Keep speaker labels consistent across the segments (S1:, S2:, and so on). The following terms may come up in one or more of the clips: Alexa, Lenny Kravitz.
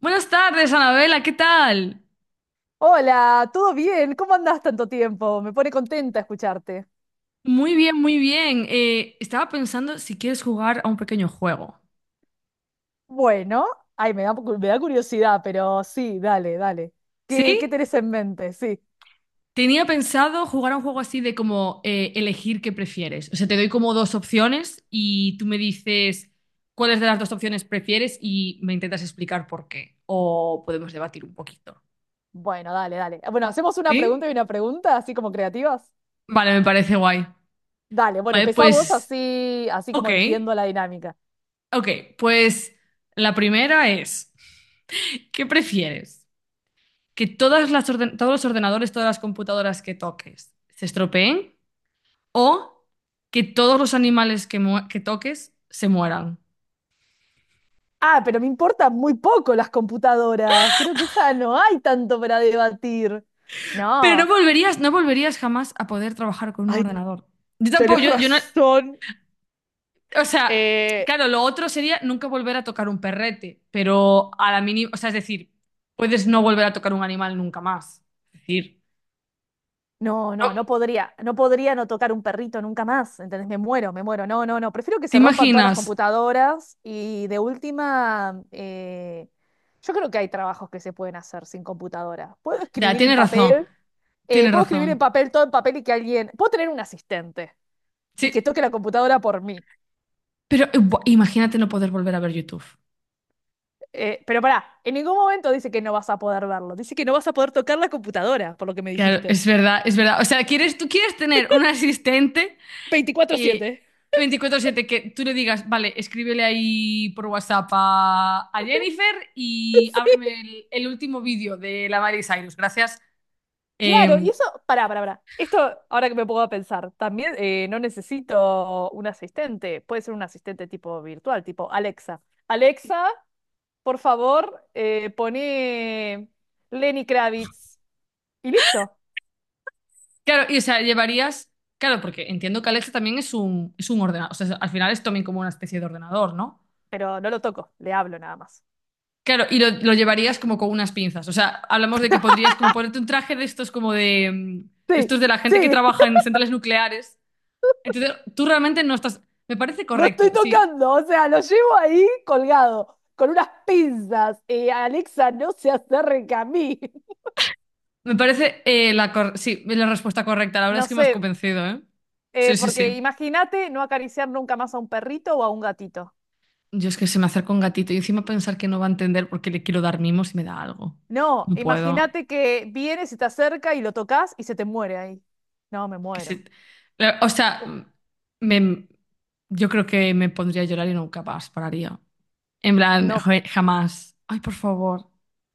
S1: Buenas tardes, Anabela, ¿qué tal?
S2: Hola, ¿todo bien? ¿Cómo andás tanto tiempo? Me pone contenta escucharte.
S1: Muy bien, muy bien. Estaba pensando si quieres jugar a un pequeño juego.
S2: Bueno, ay, me da curiosidad, pero sí, dale, dale. ¿Qué
S1: ¿Sí?
S2: tenés en mente? Sí.
S1: Tenía pensado jugar a un juego así de como elegir qué prefieres. O sea, te doy como dos opciones y tú me dices cuáles de las dos opciones prefieres y me intentas explicar por qué. O podemos debatir un poquito.
S2: Bueno, dale, dale. Bueno, hacemos una pregunta
S1: ¿Sí?
S2: y una pregunta, así como creativas.
S1: Vale, me parece guay.
S2: Dale, bueno,
S1: Vale,
S2: empezamos
S1: pues,
S2: así, así
S1: ok.
S2: como entiendo la dinámica.
S1: Ok, pues la primera es, ¿qué prefieres? ¿Que todas todos los ordenadores, todas las computadoras que toques se estropeen o que todos los animales que toques se mueran?
S2: Ah, pero me importan muy poco las computadoras. Creo que esa no hay tanto para debatir.
S1: Pero no
S2: No.
S1: volverías, no volverías jamás a poder trabajar con un
S2: Ay,
S1: ordenador. Yo tampoco,
S2: tenés
S1: yo no.
S2: razón.
S1: O sea,
S2: Eh,
S1: claro, lo otro sería nunca volver a tocar un perrete, pero a la mínima. O sea, es decir, puedes no volver a tocar un animal nunca más. Es decir,
S2: No,
S1: no,
S2: no, no podría no tocar un perrito nunca más, ¿entendés? Me muero, me muero. No, no, no, prefiero que
S1: ¿te
S2: se rompan todas las
S1: imaginas?
S2: computadoras y de última, yo creo que hay trabajos que se pueden hacer sin computadora. Puedo
S1: Ya,
S2: escribir en
S1: tienes razón,
S2: papel,
S1: tienes
S2: puedo escribir en
S1: razón.
S2: papel, todo en papel y que alguien, puedo tener un asistente
S1: Sí,
S2: y que toque la computadora por mí.
S1: pero imagínate no poder volver a ver YouTube.
S2: Pero pará, en ningún momento dice que no vas a poder verlo, dice que no vas a poder tocar la computadora, por lo que me
S1: Claro,
S2: dijiste.
S1: es verdad, es verdad. O sea, tú quieres tener un asistente
S2: Veinticuatro
S1: eh,
S2: siete.
S1: 24/7 que tú le digas, vale, escríbele ahí por WhatsApp a Jennifer y ábreme el último vídeo de la Miley Cyrus, gracias.
S2: Claro, y
S1: Eh,
S2: eso, pará, pará, pará. Esto, ahora que me puedo pensar, también no necesito un asistente. Puede ser un asistente tipo virtual, tipo Alexa. Alexa, por favor, pone Lenny Kravitz. Y listo.
S1: claro, y o sea, llevarías, claro, porque entiendo que Alexa también es un ordenador, o sea, al final es también como una especie de ordenador, ¿no?
S2: Pero no lo toco, le hablo nada más.
S1: Claro, y lo llevarías como con unas pinzas. O sea, hablamos de que podrías como ponerte un traje de estos como de
S2: Sí,
S1: estos de la gente que
S2: sí,
S1: trabaja en centrales nucleares. Entonces, tú realmente no estás. Me parece
S2: lo estoy
S1: correcto, sí.
S2: tocando, o sea, lo llevo ahí colgado, con unas pinzas. Alexa, no se acerca a mí.
S1: Me parece sí, la respuesta correcta. La verdad
S2: No
S1: es que me has
S2: sé,
S1: convencido, ¿eh? Sí, sí,
S2: porque
S1: sí.
S2: imagínate no acariciar nunca más a un perrito o a un gatito.
S1: Yo es que se me acerca un gatito y encima pensar que no va a entender porque le quiero dar mimos y me da algo.
S2: No,
S1: No puedo.
S2: imagínate que vienes y te acerca y lo tocas y se te muere ahí. No, me
S1: Que
S2: muero.
S1: se- O sea,
S2: Uh,
S1: me- yo creo que me pondría a llorar y nunca más pararía. En plan,
S2: no,
S1: joe, jamás. Ay, por favor.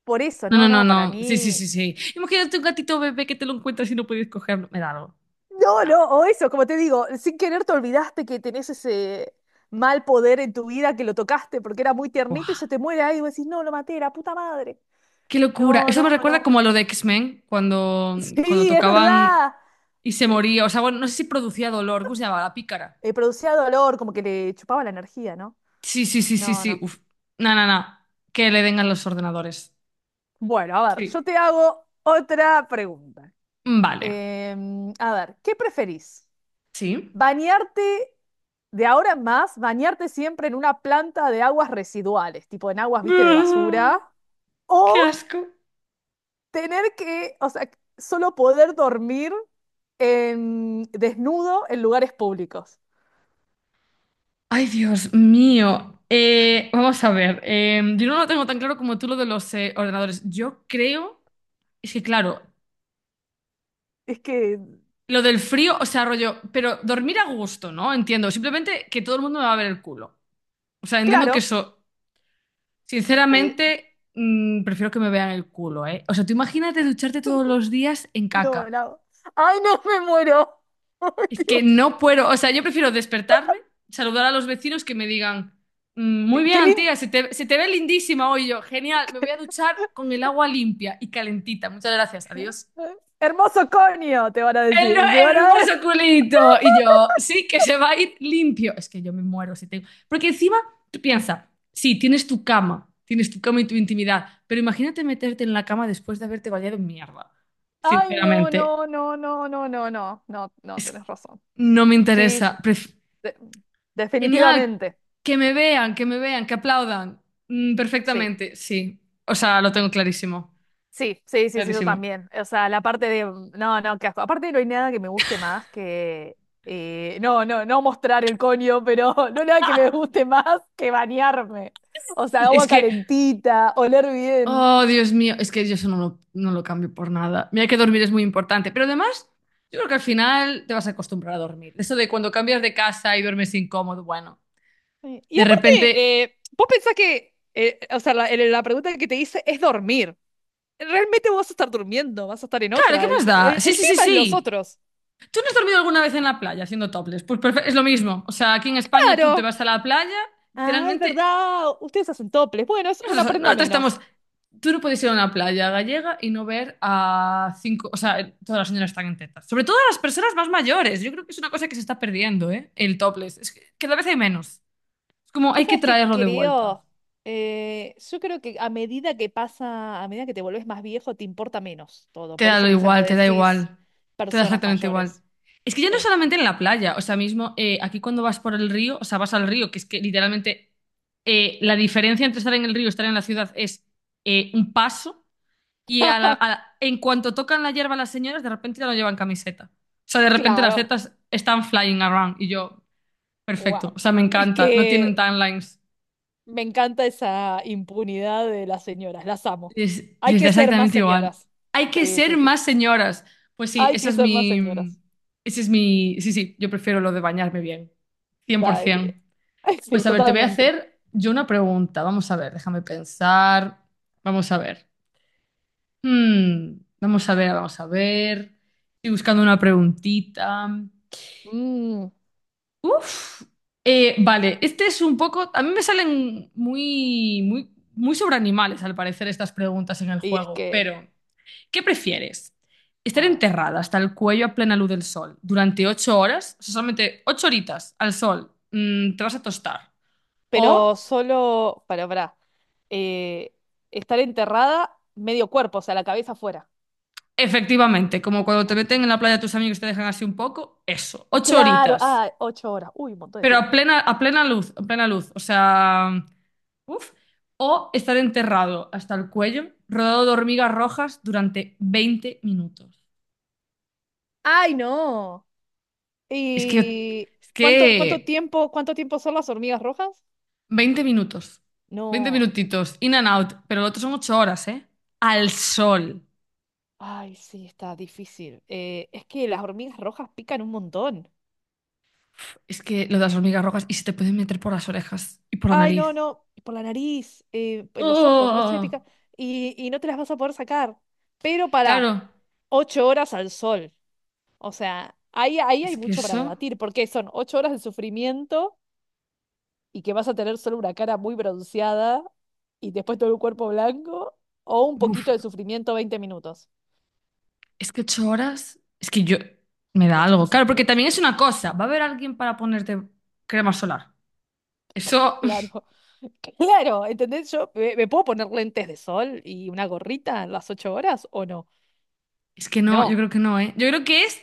S2: por eso,
S1: No, no,
S2: no,
S1: no,
S2: no, para
S1: no. Sí, sí,
S2: mí.
S1: sí, sí. Imagínate un gatito bebé que te lo encuentras y no puedes cogerlo. Me da algo.
S2: No,
S1: No.
S2: no, o eso, como te digo, sin querer te olvidaste que tenés ese mal poder en tu vida que lo tocaste porque era muy tiernito y se
S1: Buah.
S2: te muere ahí y vos decís, no, lo maté, la puta madre.
S1: Qué locura.
S2: No,
S1: Eso
S2: no,
S1: me recuerda como
S2: no.
S1: a lo de X-Men, cuando
S2: Sí, es
S1: tocaban
S2: verdad.
S1: y se
S2: Eh,
S1: moría. O sea, bueno, no sé si producía dolor. ¿Cómo se llamaba? La pícara.
S2: Producía dolor, como que le chupaba la energía, ¿no?
S1: Sí, sí, sí, sí,
S2: No,
S1: sí.
S2: no.
S1: Uf. No, no, no. Que le den a los ordenadores.
S2: Bueno, a ver, yo
S1: Sí.
S2: te hago otra pregunta.
S1: Vale.
S2: A ver, ¿qué preferís?
S1: Sí.
S2: ¿Bañarte de ahora en más, bañarte siempre en una planta de aguas residuales, tipo en aguas, viste, de
S1: Ah,
S2: basura? ¿O
S1: qué asco.
S2: tener que, o sea, solo poder dormir desnudo en lugares públicos?
S1: Ay, Dios mío. Vamos a ver. Yo no lo tengo tan claro como tú lo de los ordenadores. Yo creo. Es que, claro,
S2: Es que,
S1: lo del frío, o sea, rollo. Pero dormir a gusto, ¿no? Entiendo. Simplemente que todo el mundo me va a ver el culo. O sea, entiendo que
S2: claro,
S1: eso,
S2: eh,
S1: sinceramente, prefiero que me vean el culo, ¿eh? O sea, tú imagínate ducharte todos los días en
S2: no,
S1: caca.
S2: no. ¡Ay, no, me muero! ¡Ay,
S1: Es que
S2: Dios!
S1: no puedo, o sea, yo prefiero despertarme, saludar a los vecinos que me digan, "Mm, muy bien,
S2: ¡Qué, lindo!
S1: Antía, se te ve lindísima hoy. Y yo, genial, me voy a duchar con el agua limpia y calentita. Muchas gracias, adiós."
S2: Hermoso coño, te van a
S1: El
S2: decir.
S1: no-
S2: Y se van a
S1: Hermoso culito. Y yo, sí, que se va a ir limpio. Es que yo me muero si tengo. Porque encima, tú piensas, sí, tienes tu cama y tu intimidad, pero imagínate meterte en la cama después de haberte bañado en mierda.
S2: Ay, no,
S1: Sinceramente,
S2: no, no, no, no, no, no, no, no,
S1: es-
S2: tenés razón.
S1: no me
S2: Sí, sí,
S1: interesa.
S2: de-
S1: Genial,
S2: definitivamente.
S1: que me vean, que me vean, que aplaudan.
S2: Sí,
S1: Perfectamente, sí. O sea, lo tengo clarísimo,
S2: sí, sí, sí, sí, yo
S1: clarísimo.
S2: también. O sea, la parte de, no, no, qué asco. Aparte no hay nada que me guste más que, no, no, no mostrar el coño, pero no hay nada que me guste más que bañarme. O sea, agua
S1: Es que
S2: calentita, oler bien.
S1: Oh, Dios mío, es que yo eso no lo cambio por nada. Mira que dormir es muy importante, pero además, yo creo que al final te vas a acostumbrar a dormir. Eso de cuando cambias de casa y duermes incómodo, bueno,
S2: Sí. Y
S1: de
S2: aparte,
S1: repente,
S2: vos pensás que, o sea, la pregunta que te hice es dormir. Realmente vos vas a estar durmiendo, vas a estar en
S1: claro, ¿qué
S2: otra. El,
S1: más da?
S2: el-
S1: Sí,
S2: el
S1: sí, sí,
S2: tema es los
S1: sí.
S2: otros.
S1: ¿Tú no has dormido alguna vez en la playa haciendo topless? Pues es lo mismo. O sea, aquí en España tú te
S2: Claro.
S1: vas a la playa,
S2: Ah, es
S1: literalmente.
S2: verdad. Ustedes hacen toples. Bueno, es una prenda
S1: Nosotros
S2: menos.
S1: estamos. Tú no puedes ir a una playa gallega y no ver a cinco. O sea, todas las señoras están en tetas. Sobre todo las personas más mayores. Yo creo que es una cosa que se está perdiendo, ¿eh? El topless. Es que cada vez hay menos. Es como
S2: Yo
S1: hay que
S2: sabes que
S1: traerlo de vuelta.
S2: creo, yo creo que a medida que pasa, a medida que te volvés más viejo, te importa menos todo.
S1: Te
S2: Por
S1: da lo
S2: eso quizás vos decís
S1: igual. Te da
S2: personas
S1: exactamente igual.
S2: mayores.
S1: Es que ya no
S2: Sí.
S1: solamente en la playa. O sea, mismo aquí cuando vas por el río, o sea, vas al río, que es que literalmente la diferencia entre estar en el río y estar en la ciudad es un paso. Y en cuanto tocan la hierba las señoras, de repente ya no llevan camiseta. O sea, de repente las
S2: Claro.
S1: tetas están flying around. Y yo, perfecto.
S2: Wow.
S1: O sea, me
S2: Es
S1: encanta. No tienen
S2: que
S1: timelines.
S2: me encanta esa impunidad de las señoras. Las amo.
S1: Les,
S2: Hay
S1: les da
S2: que ser más
S1: exactamente igual.
S2: señoras.
S1: Hay que
S2: Sí, sí,
S1: ser
S2: sí.
S1: más señoras. Pues sí,
S2: Hay
S1: esa
S2: que
S1: es
S2: ser más
S1: mi...
S2: señoras.
S1: Ese es mi... Sí, sí, yo prefiero lo de bañarme bien.
S2: Dale.
S1: 100%.
S2: Ay, sí,
S1: Pues a ver, te voy a
S2: totalmente.
S1: hacer yo una pregunta. Vamos a ver, déjame pensar. Vamos a ver. Vamos a ver, vamos a ver. Estoy buscando una preguntita.
S2: Mm,
S1: Uf, vale, este es un poco. A mí me salen muy, muy, muy sobre animales, al parecer, estas preguntas en el
S2: y es
S1: juego.
S2: que,
S1: Pero, ¿qué prefieres?
S2: a
S1: ¿Estar
S2: ver.
S1: enterrada hasta el cuello a plena luz del sol durante 8 horas? O sea, solamente 8 horitas al sol, te vas a tostar.
S2: Pero
S1: O,
S2: solo, para, eh, estar enterrada medio cuerpo, o sea, la cabeza afuera.
S1: efectivamente, como cuando te
S2: Ah,
S1: meten en la playa tus amigos y te dejan así un poco, eso, ocho
S2: claro,
S1: horitas.
S2: ah, 8 horas. Uy, un montón de
S1: Pero a
S2: tiempo.
S1: plena, a plena luz, a plena luz. O sea. Uf. O estar enterrado hasta el cuello, rodeado de hormigas rojas durante 20 minutos.
S2: ¡Ay, no!
S1: Es que,
S2: ¿Y
S1: es
S2: cuánto, cuánto
S1: que
S2: tiempo, cuánto tiempo son las hormigas rojas?
S1: 20 minutos, veinte
S2: No.
S1: minutitos, in and out, pero lo otro son 8 horas, ¿eh? Al sol.
S2: Ay, sí, está difícil. Es que las hormigas rojas pican un montón.
S1: Es que lo de las hormigas rojas y se te pueden meter por las orejas y por la
S2: Ay, no,
S1: nariz.
S2: no, por la nariz, en los ojos, a ver si me
S1: ¡Oh!
S2: pica. Y no te las vas a poder sacar. Pero
S1: Claro,
S2: pará, 8 horas al sol. O sea, ahí hay
S1: es que
S2: mucho para
S1: eso.
S2: debatir, porque son 8 horas de sufrimiento y que vas a tener solo una cara muy bronceada y después todo el cuerpo blanco, o un
S1: Uf,
S2: poquito de sufrimiento 20 minutos.
S1: es que 8 horas. Es que yo. Me da
S2: Ocho
S1: algo.
S2: horas es
S1: Claro, porque
S2: mucho,
S1: también es una cosa. Va a haber alguien para ponerte crema solar. Eso.
S2: claro. Claro, ¿entendés? Yo me puedo poner lentes de sol y una gorrita en las 8 horas o no.
S1: Es que no, yo
S2: No.
S1: creo que no, ¿eh? Yo creo que es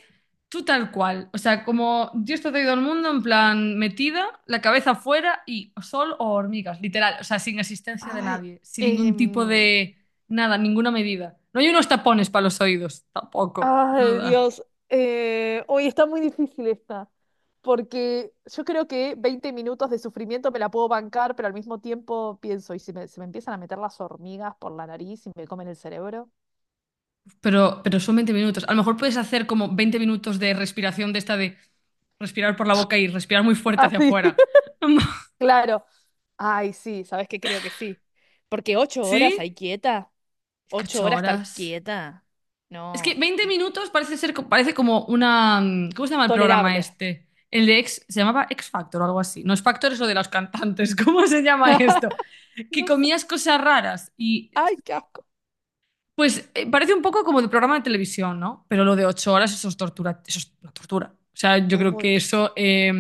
S1: tú tal cual. O sea, como Dios te ha traído al mundo en plan metida, la cabeza afuera y sol o hormigas, literal. O sea, sin asistencia de
S2: Ay,
S1: nadie, sin ningún tipo
S2: em,
S1: de nada, ninguna medida. No hay unos tapones para los oídos, tampoco,
S2: ay,
S1: nada.
S2: Dios. Hoy está muy difícil esta, porque yo creo que 20 minutos de sufrimiento me la puedo bancar, pero al mismo tiempo pienso, ¿y si me, se me empiezan a meter las hormigas por la nariz y me comen el cerebro?
S1: Pero son 20 minutos. A lo mejor puedes hacer como 20 minutos de respiración de esta de respirar por la boca y respirar muy fuerte
S2: Ah,
S1: hacia
S2: sí,
S1: afuera.
S2: claro. Ay, sí, ¿sabes qué? Creo que sí. Porque 8 horas ahí
S1: ¿Sí?
S2: quieta,
S1: Es que
S2: ocho
S1: ocho
S2: horas estar
S1: horas.
S2: quieta,
S1: Es que
S2: no,
S1: 20
S2: y
S1: minutos parece ser, parece como una. ¿Cómo se llama el programa
S2: tolerable.
S1: este? El de X, se llamaba X Factor o algo así. No es Factor, eso de los cantantes. ¿Cómo se llama esto? Que
S2: No sé.
S1: comías cosas raras y.
S2: Ay, qué asco.
S1: Pues parece un poco como de programa de televisión, ¿no? Pero lo de 8 horas, eso es tortura. Eso es una tortura. O sea, yo
S2: Es
S1: creo que
S2: mucho.
S1: eso.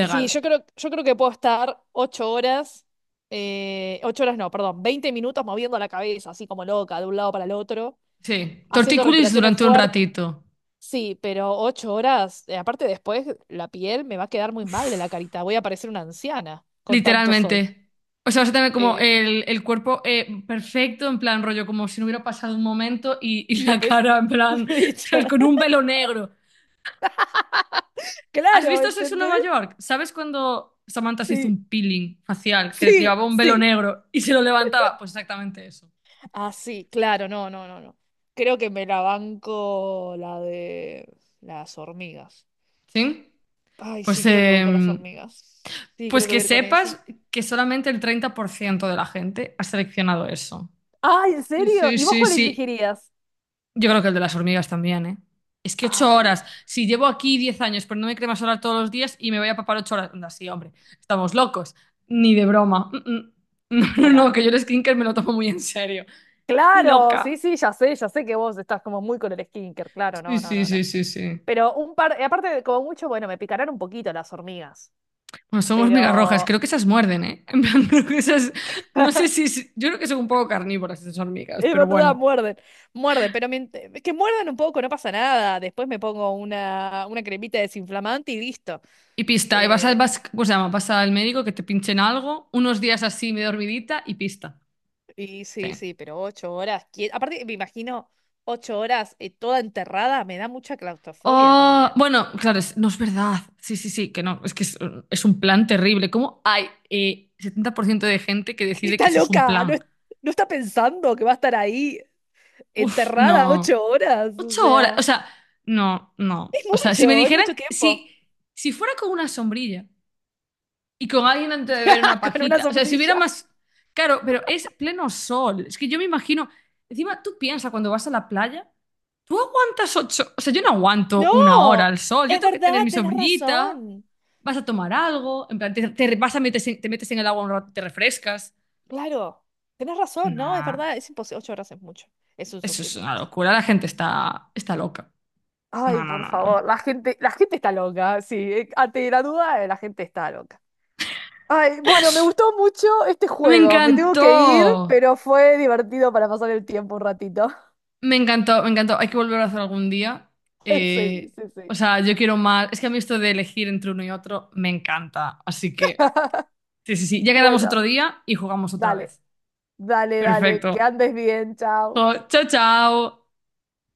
S2: Sí, yo creo que puedo estar 8 horas, 8 horas no, perdón, 20 minutos moviendo la cabeza, así como loca, de un lado para el otro,
S1: Sí.
S2: haciendo
S1: Tortícolis
S2: respiraciones
S1: durante un
S2: fuertes.
S1: ratito.
S2: Sí, pero 8 horas, aparte después la piel me va a quedar muy mal de
S1: Uf.
S2: la carita, voy a parecer una anciana con tanto sol.
S1: Literalmente. O sea, vas a tener como
S2: Eh,
S1: el cuerpo perfecto, en plan rollo, como si no hubiera pasado un momento, y, y
S2: y
S1: la
S2: después,
S1: cara, en plan,
S2: ya.
S1: con un velo negro. ¿Has
S2: Claro,
S1: visto Sexo en
S2: ¿entendés?
S1: Nueva York? ¿Sabes cuando Samantha se hizo
S2: Sí,
S1: un peeling facial que
S2: sí,
S1: llevaba un velo
S2: sí.
S1: negro y se lo levantaba? Pues exactamente eso.
S2: Ah, sí, claro, no, no, no, no. Creo que me la banco la de las hormigas.
S1: ¿Sí?
S2: Ay, sí,
S1: Pues,
S2: creo que voy con las hormigas. Sí, creo
S1: pues
S2: que
S1: que
S2: voy a ir con eso.
S1: sepas que solamente el 30% de la gente ha seleccionado eso.
S2: Ay, ¿en
S1: Sí,
S2: serio?
S1: sí,
S2: ¿Y vos
S1: sí,
S2: cuál
S1: sí.
S2: elegirías?
S1: Yo creo que el de las hormigas también, ¿eh? Es que ocho
S2: Ay,
S1: horas. Si llevo aquí 10 años poniéndome crema solar todos los días y me voy a papar 8 horas. Anda, sí, hombre. Estamos locos. Ni de broma. Mm, mm. No, no, no,
S2: claro,
S1: que yo el skincare me lo tomo muy en serio. Ni
S2: claro, sí,
S1: loca.
S2: sí, ya sé que vos estás como muy con el skinker, claro,
S1: Sí,
S2: no, no,
S1: sí,
S2: no, no.
S1: sí, sí, sí.
S2: Pero un par, y aparte, de como mucho, bueno, me picarán un poquito las hormigas,
S1: Bueno, son hormigas rojas.
S2: pero
S1: Creo que esas muerden, ¿eh? En plan, creo que esas. No sé si. Yo creo que son un poco carnívoras esas hormigas,
S2: es
S1: pero
S2: verdad,
S1: bueno.
S2: muerden, muerden, pero que muerdan un poco, no pasa nada. Después me pongo una cremita desinflamante y listo.
S1: Y pista. Y
S2: Eh,
S1: ¿cómo se llama? Vas al médico que te pinchen algo, unos días así, medio dormidita y pista.
S2: Y sí,
S1: Sí.
S2: sí, pero ocho horas. Aparte, me imagino 8 horas toda enterrada, me da mucha claustrofobia
S1: Oh,
S2: también.
S1: bueno, claro, no es verdad. Sí, sí, sí, que no, es que es un plan terrible. ¿Cómo hay 70% de gente que decide que
S2: Está
S1: eso es un
S2: loca, no,
S1: plan?
S2: no está pensando que va a estar ahí
S1: Uf,
S2: enterrada ocho
S1: no.
S2: horas. O
S1: 8 horas,
S2: sea,
S1: o sea, no, no. O sea, si me
S2: es
S1: dijeran,
S2: mucho
S1: que- si,
S2: tiempo.
S1: si fuera con una sombrilla y con alguien antes de beber una
S2: Con una
S1: pajita, o sea, si hubiera
S2: sombrilla.
S1: más... Claro, pero es pleno sol. Es que yo me imagino, encima tú piensas cuando vas a la playa. ¿Tú aguantas ocho? O sea, yo no aguanto
S2: No,
S1: una hora al sol. Yo
S2: es
S1: tengo que
S2: verdad,
S1: tener mi
S2: tenés
S1: sombrillita.
S2: razón.
S1: Vas a tomar algo. En plan, te vas a metes en- te metes en el agua un rato, te refrescas.
S2: Claro, tenés razón, no, es
S1: Nah,
S2: verdad, es imposible. 8 horas es mucho, es un
S1: eso es una
S2: sufrimiento.
S1: locura. La gente está loca.
S2: Ay,
S1: No, no,
S2: por
S1: no, no.
S2: favor, la gente está loca, sí, ante la duda, la gente está loca. Ay, bueno, me gustó mucho este
S1: Me
S2: juego. Me tengo que ir,
S1: encantó.
S2: pero fue divertido para pasar el tiempo un ratito.
S1: Me encantó, me encantó. Hay que volver a hacer algún día.
S2: Sí,
S1: Eh,
S2: sí, sí.
S1: o sea, yo quiero más. Es que a mí esto de elegir entre uno y otro me encanta. Así que, sí, sí, sí. Ya quedamos
S2: Bueno,
S1: otro día y jugamos otra
S2: dale,
S1: vez.
S2: dale, dale. Que
S1: Perfecto.
S2: andes bien,
S1: Jo,
S2: chao.
S1: chao, chao.